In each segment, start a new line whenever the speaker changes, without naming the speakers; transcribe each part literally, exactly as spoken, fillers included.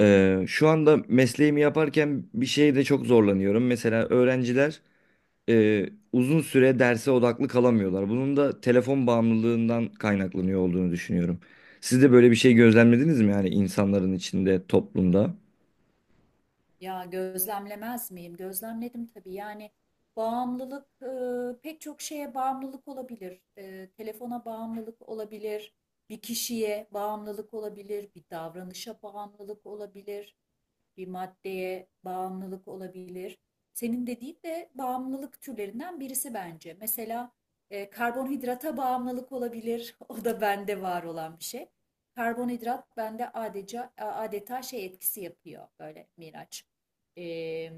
Ee, şu anda mesleğimi yaparken bir şeyde çok zorlanıyorum. Mesela öğrenciler e, uzun süre derse odaklı kalamıyorlar. Bunun da telefon bağımlılığından kaynaklanıyor olduğunu düşünüyorum. Siz de böyle bir şey gözlemlediniz mi, yani insanların içinde, toplumda?
Ya gözlemlemez miyim? Gözlemledim tabii. Yani bağımlılık e, pek çok şeye bağımlılık olabilir. E, telefona bağımlılık olabilir, bir kişiye bağımlılık olabilir, bir davranışa bağımlılık olabilir, bir maddeye bağımlılık olabilir. Senin dediğin de bağımlılık türlerinden birisi bence. Mesela e, karbonhidrata bağımlılık olabilir. O da bende var olan bir şey. Karbonhidrat bende adeta adeta şey etkisi yapıyor böyle Miraç. E,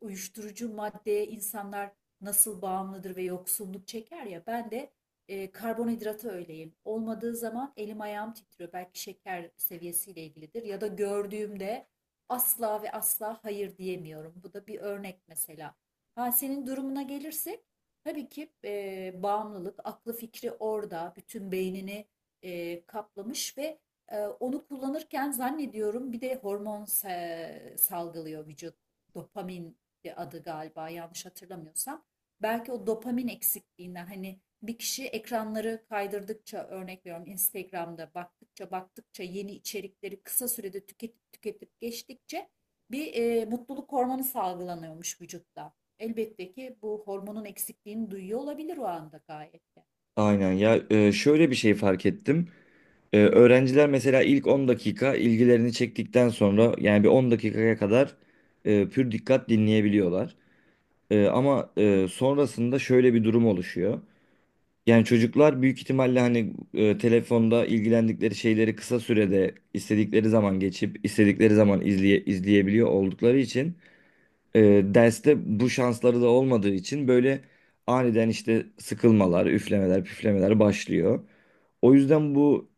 uyuşturucu maddeye insanlar nasıl bağımlıdır ve yoksunluk çeker ya ben de e, karbonhidrata öyleyim. Olmadığı zaman elim ayağım titriyor. Belki şeker seviyesiyle ilgilidir ya da gördüğümde asla ve asla hayır diyemiyorum. Bu da bir örnek mesela. Ha, senin durumuna gelirsek tabii ki e, bağımlılık, aklı fikri orada, bütün beynini e, kaplamış ve e, onu kullanırken zannediyorum bir de hormon sa- salgılıyor vücut. Dopamin de adı galiba, yanlış hatırlamıyorsam. Belki o dopamin eksikliğinden hani bir kişi ekranları kaydırdıkça, örnek veriyorum, Instagram'da baktıkça baktıkça yeni içerikleri kısa sürede tüketip tüketip geçtikçe bir e, mutluluk hormonu salgılanıyormuş vücutta. Elbette ki bu hormonun eksikliğini duyuyor olabilir o anda gayet de.
Aynen ya, e, şöyle bir şey fark ettim. E, öğrenciler mesela ilk on dakika ilgilerini çektikten sonra, yani bir on dakikaya kadar e, pür dikkat dinleyebiliyorlar. E, ama e, sonrasında şöyle bir durum oluşuyor. Yani çocuklar büyük ihtimalle hani, e, telefonda ilgilendikleri şeyleri kısa sürede istedikleri zaman geçip istedikleri zaman izleye, izleyebiliyor oldukları için, e, derste bu şansları da olmadığı için, böyle aniden işte sıkılmalar, üflemeler, püflemeler başlıyor. O yüzden bu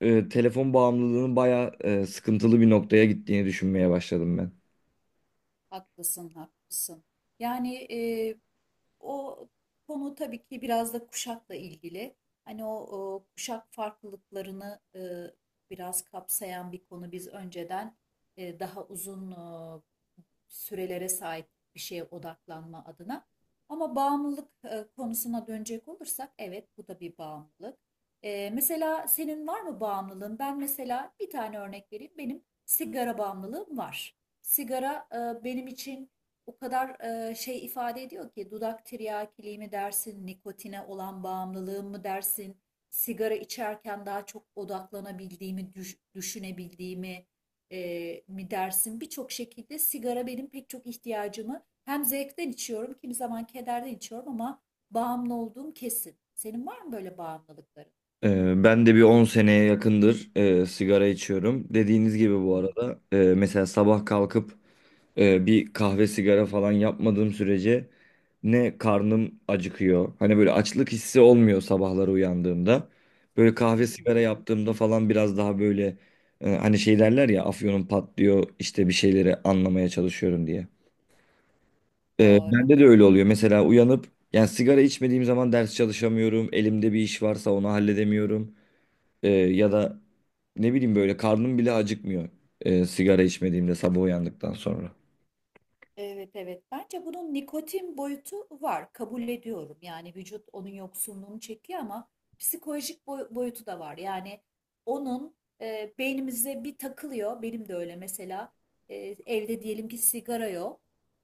e, telefon bağımlılığının bayağı e, sıkıntılı bir noktaya gittiğini düşünmeye başladım ben.
Haklısın, haklısın. Yani e, o konu tabii ki biraz da kuşakla ilgili. Hani o, o kuşak farklılıklarını e, biraz kapsayan bir konu. Biz önceden e, daha uzun e, sürelere sahip bir şeye odaklanma adına. Ama bağımlılık e, konusuna dönecek olursak evet, bu da bir bağımlılık. E, mesela senin var mı bağımlılığın? Ben mesela bir tane örnek vereyim. Benim sigara bağımlılığım var. Sigara e, benim için o kadar e, şey ifade ediyor ki dudak tiryakiliği mi dersin, nikotine olan bağımlılığım mı dersin, sigara içerken daha çok odaklanabildiğimi, düş- düşünebildiğimi e, mi dersin? Birçok şekilde sigara benim pek çok ihtiyacımı, hem zevkten içiyorum, kimi zaman kederden içiyorum, ama bağımlı olduğum kesin. Senin var mı böyle bağımlılıkların?
E, ben de bir on seneye yakındır e, sigara içiyorum. Dediğiniz gibi
Hı
bu
hı.
arada, e, mesela sabah kalkıp Ee, bir kahve sigara falan yapmadığım sürece ne karnım acıkıyor. Hani böyle açlık hissi olmuyor sabahları uyandığımda. Böyle
Hı
kahve sigara
hı,
yaptığımda falan biraz daha böyle, e, hani şey derler ya, afyonum patlıyor işte, bir şeyleri anlamaya çalışıyorum diye. Ee,
doğru.
bende de öyle oluyor. Mesela uyanıp, yani sigara içmediğim zaman ders çalışamıyorum. Elimde bir iş varsa onu halledemiyorum. Ee, ya da ne bileyim, böyle karnım bile acıkmıyor e, sigara içmediğimde sabah uyandıktan sonra.
Evet, evet. Bence bunun nikotin boyutu var. Kabul ediyorum. Yani vücut onun yoksunluğunu çekiyor, ama psikolojik boy- boyutu da var. Yani onun e, beynimize bir takılıyor. Benim de öyle mesela. E, evde diyelim ki sigara yok.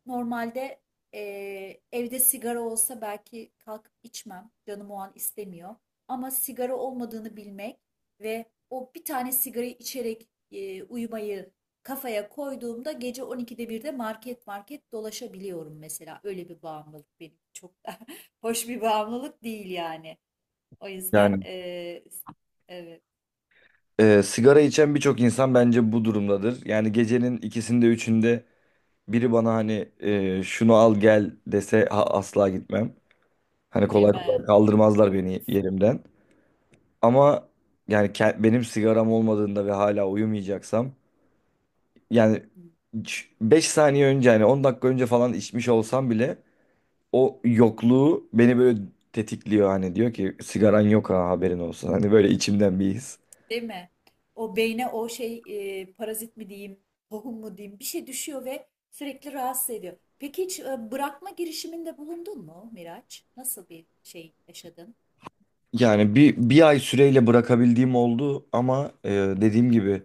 Normalde e, evde sigara olsa belki kalkıp içmem. Canım o an istemiyor. Ama sigara olmadığını bilmek ve o bir tane sigarayı içerek e, uyumayı kafaya koyduğumda gece on ikide birde market market dolaşabiliyorum mesela. Öyle bir bağımlılık benim, çok da hoş bir bağımlılık değil yani. O yüzden
Yani,
eee evet,
Ee, sigara içen birçok insan bence bu durumdadır. Yani gecenin ikisinde üçünde biri bana hani e, şunu al gel dese ha- asla gitmem. Hani kolay
deme
kolay kaldırmazlar beni yerimden. Ama yani ke- benim sigaram olmadığında ve hala uyumayacaksam, yani beş saniye önce, hani on dakika önce falan içmiş olsam bile o yokluğu beni böyle tetikliyor, hani diyor ki sigaran yok, ha, haberin olsun. Hani böyle içimden bir his.
deme. O beyne o şey eee, parazit mi diyeyim, tohum mu diyeyim, bir şey düşüyor ve sürekli rahatsız ediyor. Peki hiç e, bırakma girişiminde bulundun mu Miraç? Nasıl bir şey yaşadın?
Yani bir, bir ay süreyle bırakabildiğim oldu ama e, dediğim gibi,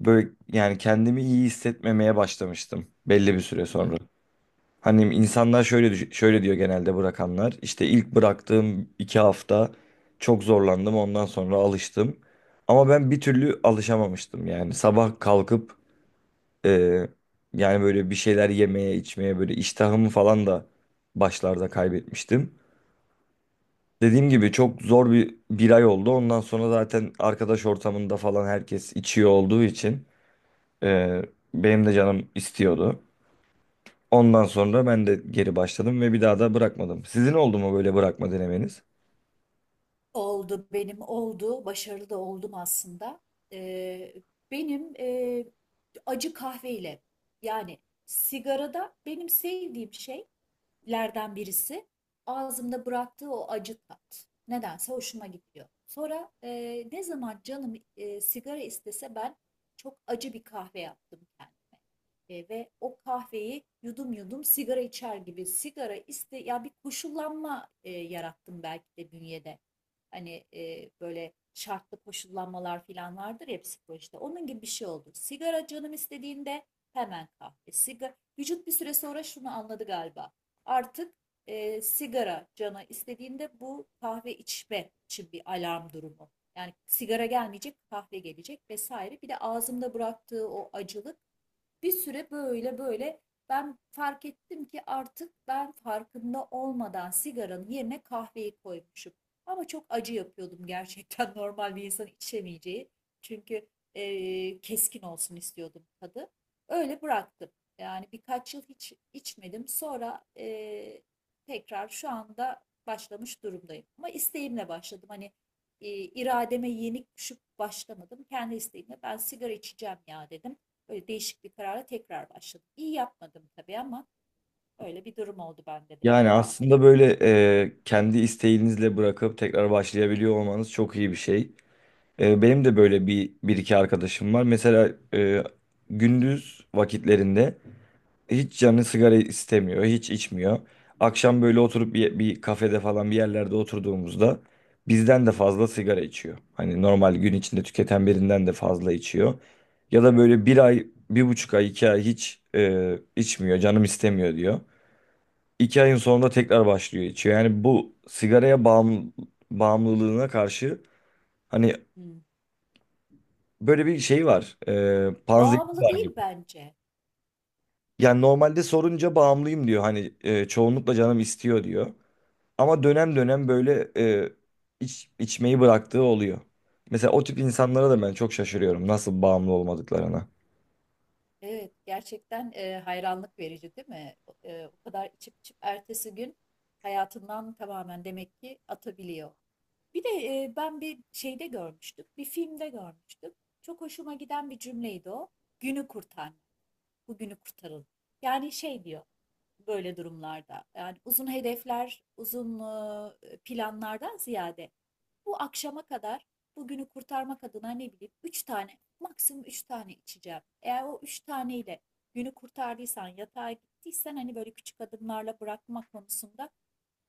böyle yani kendimi iyi hissetmemeye başlamıştım belli bir süre sonra. Hani insanlar şöyle düş- şöyle diyor genelde, bırakanlar: işte ilk bıraktığım iki hafta çok zorlandım, ondan sonra alıştım. Ama ben bir türlü alışamamıştım, yani sabah kalkıp e, yani böyle bir şeyler yemeye içmeye, böyle iştahımı falan da başlarda kaybetmiştim. Dediğim gibi çok zor bir bir ay oldu. Ondan sonra zaten arkadaş ortamında falan herkes içiyor olduğu için e, benim de canım istiyordu. Ondan sonra ben de geri başladım ve bir daha da bırakmadım. Sizin oldu mu böyle bırakma denemeniz?
Oldu, benim oldu. Başarılı da oldum aslında. Ee, benim e, acı kahveyle, yani sigarada benim sevdiğim şey lerden birisi ağzımda bıraktığı o acı tat. Nedense hoşuma gidiyor. Sonra e, ne zaman canım e, sigara istese ben çok acı bir kahve yaptım kendime. E, ve o kahveyi yudum yudum sigara içer gibi sigara iste ya, bir koşullanma e, yarattım belki de bünyede. Hani e, böyle şartlı koşullanmalar falan vardır ya psikolojide. Onun gibi bir şey oldu. Sigara canım istediğinde hemen kahve. Sigara, vücut bir süre sonra şunu anladı galiba. Artık e, sigara cana istediğinde bu kahve içme için bir alarm durumu. Yani sigara gelmeyecek, kahve gelecek vesaire. Bir de ağzımda bıraktığı o acılık, bir süre böyle böyle ben fark ettim ki artık ben farkında olmadan sigaranın yerine kahveyi koymuşum. Ama çok acı yapıyordum gerçekten normal bir insan içemeyeceği. Çünkü eee, keskin olsun istiyordum tadı. Öyle bıraktım. Yani birkaç yıl hiç içmedim. Sonra eee, tekrar şu anda başlamış durumdayım. Ama isteğimle başladım. Hani e, irademe yenik düşüp başlamadım. Kendi isteğimle ben sigara içeceğim ya dedim. Böyle değişik bir karara tekrar başladım. İyi yapmadım tabii ama öyle bir durum oldu bende de
Yani
valla.
aslında böyle e, kendi isteğinizle bırakıp tekrar başlayabiliyor olmanız çok iyi bir şey. E, benim de böyle bir, bir iki arkadaşım var. Mesela e, gündüz vakitlerinde hiç canı sigara istemiyor, hiç içmiyor. Akşam böyle oturup bir, bir kafede falan bir yerlerde oturduğumuzda bizden de fazla sigara içiyor. Hani normal gün içinde tüketen birinden de fazla içiyor. Ya da böyle bir ay, bir buçuk ay, iki ay hiç e, içmiyor, canım istemiyor diyor. İki ayın sonunda tekrar başlıyor içiyor. Yani bu sigaraya bağım, bağımlılığına karşı hani
Hmm.
böyle bir şey var, e, panzehir
Bağımlı
var gibi.
değil bence.
Yani normalde sorunca bağımlıyım diyor. Hani e, çoğunlukla canım istiyor diyor. Ama dönem dönem böyle e, iç, içmeyi bıraktığı oluyor. Mesela o tip insanlara da ben çok şaşırıyorum nasıl bağımlı olmadıklarına.
Evet, gerçekten e, hayranlık verici değil mi? O- e, o kadar içip içip ertesi gün hayatından tamamen demek ki atabiliyor. Bir de e, ben bir şeyde görmüştüm, bir filmde görmüştüm. Çok hoşuma giden bir cümleydi o. Günü kurtarmak, bugünü kurtarın. Yani şey diyor, böyle durumlarda. Yani uzun hedefler, uzun e, planlardan ziyade, bu akşama kadar bugünü kurtarmak adına, ne bileyim, üç tane, maksimum üç tane içeceğim. Eğer o üç taneyle günü kurtardıysan, yatağa gittiysen, hani böyle küçük adımlarla bırakma konusunda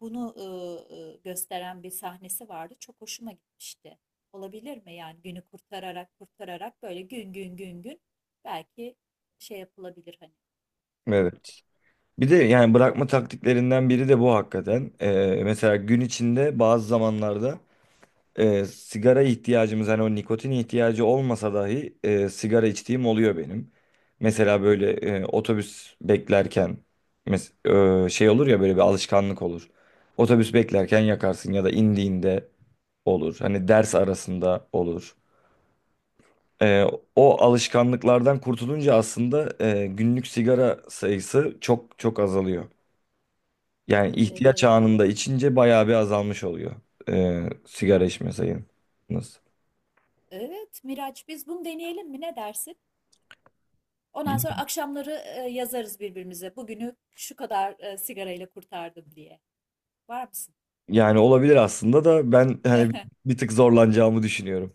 bunu e, e, gösteren bir sahnesi vardı. Çok hoşuma gitmişti. Olabilir mi yani günü kurtararak kurtararak böyle gün gün gün gün belki şey yapılabilir hani, olabilir.
Evet. Bir de yani bırakma taktiklerinden biri de bu hakikaten. E, mesela gün içinde bazı zamanlarda e, sigara ihtiyacımız, hani o nikotin ihtiyacı olmasa dahi, e, sigara içtiğim oluyor benim. Mesela böyle e, otobüs beklerken mes- e, şey olur ya, böyle bir alışkanlık olur. Otobüs beklerken yakarsın ya da indiğinde olur. Hani ders arasında olur. Ee, O alışkanlıklardan kurtulunca aslında e, günlük sigara sayısı çok çok azalıyor. Yani
Evet,
ihtiyaç
evet.
anında içince bayağı bir azalmış oluyor e, sigara içme sayınız.
Evet Miraç, biz bunu deneyelim mi, ne dersin? Ondan
Yani
sonra akşamları e, yazarız birbirimize. Bugünü şu kadar e, sigarayla kurtardım diye. Var mısın?
yani olabilir aslında, da ben hani bir tık zorlanacağımı düşünüyorum.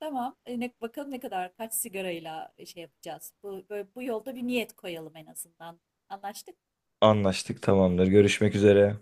Tamam. E, ne, bakalım ne kadar, kaç sigarayla şey yapacağız. Bu, böyle, bu yolda bir niyet koyalım en azından. Anlaştık mı?
Anlaştık, tamamdır. Görüşmek üzere.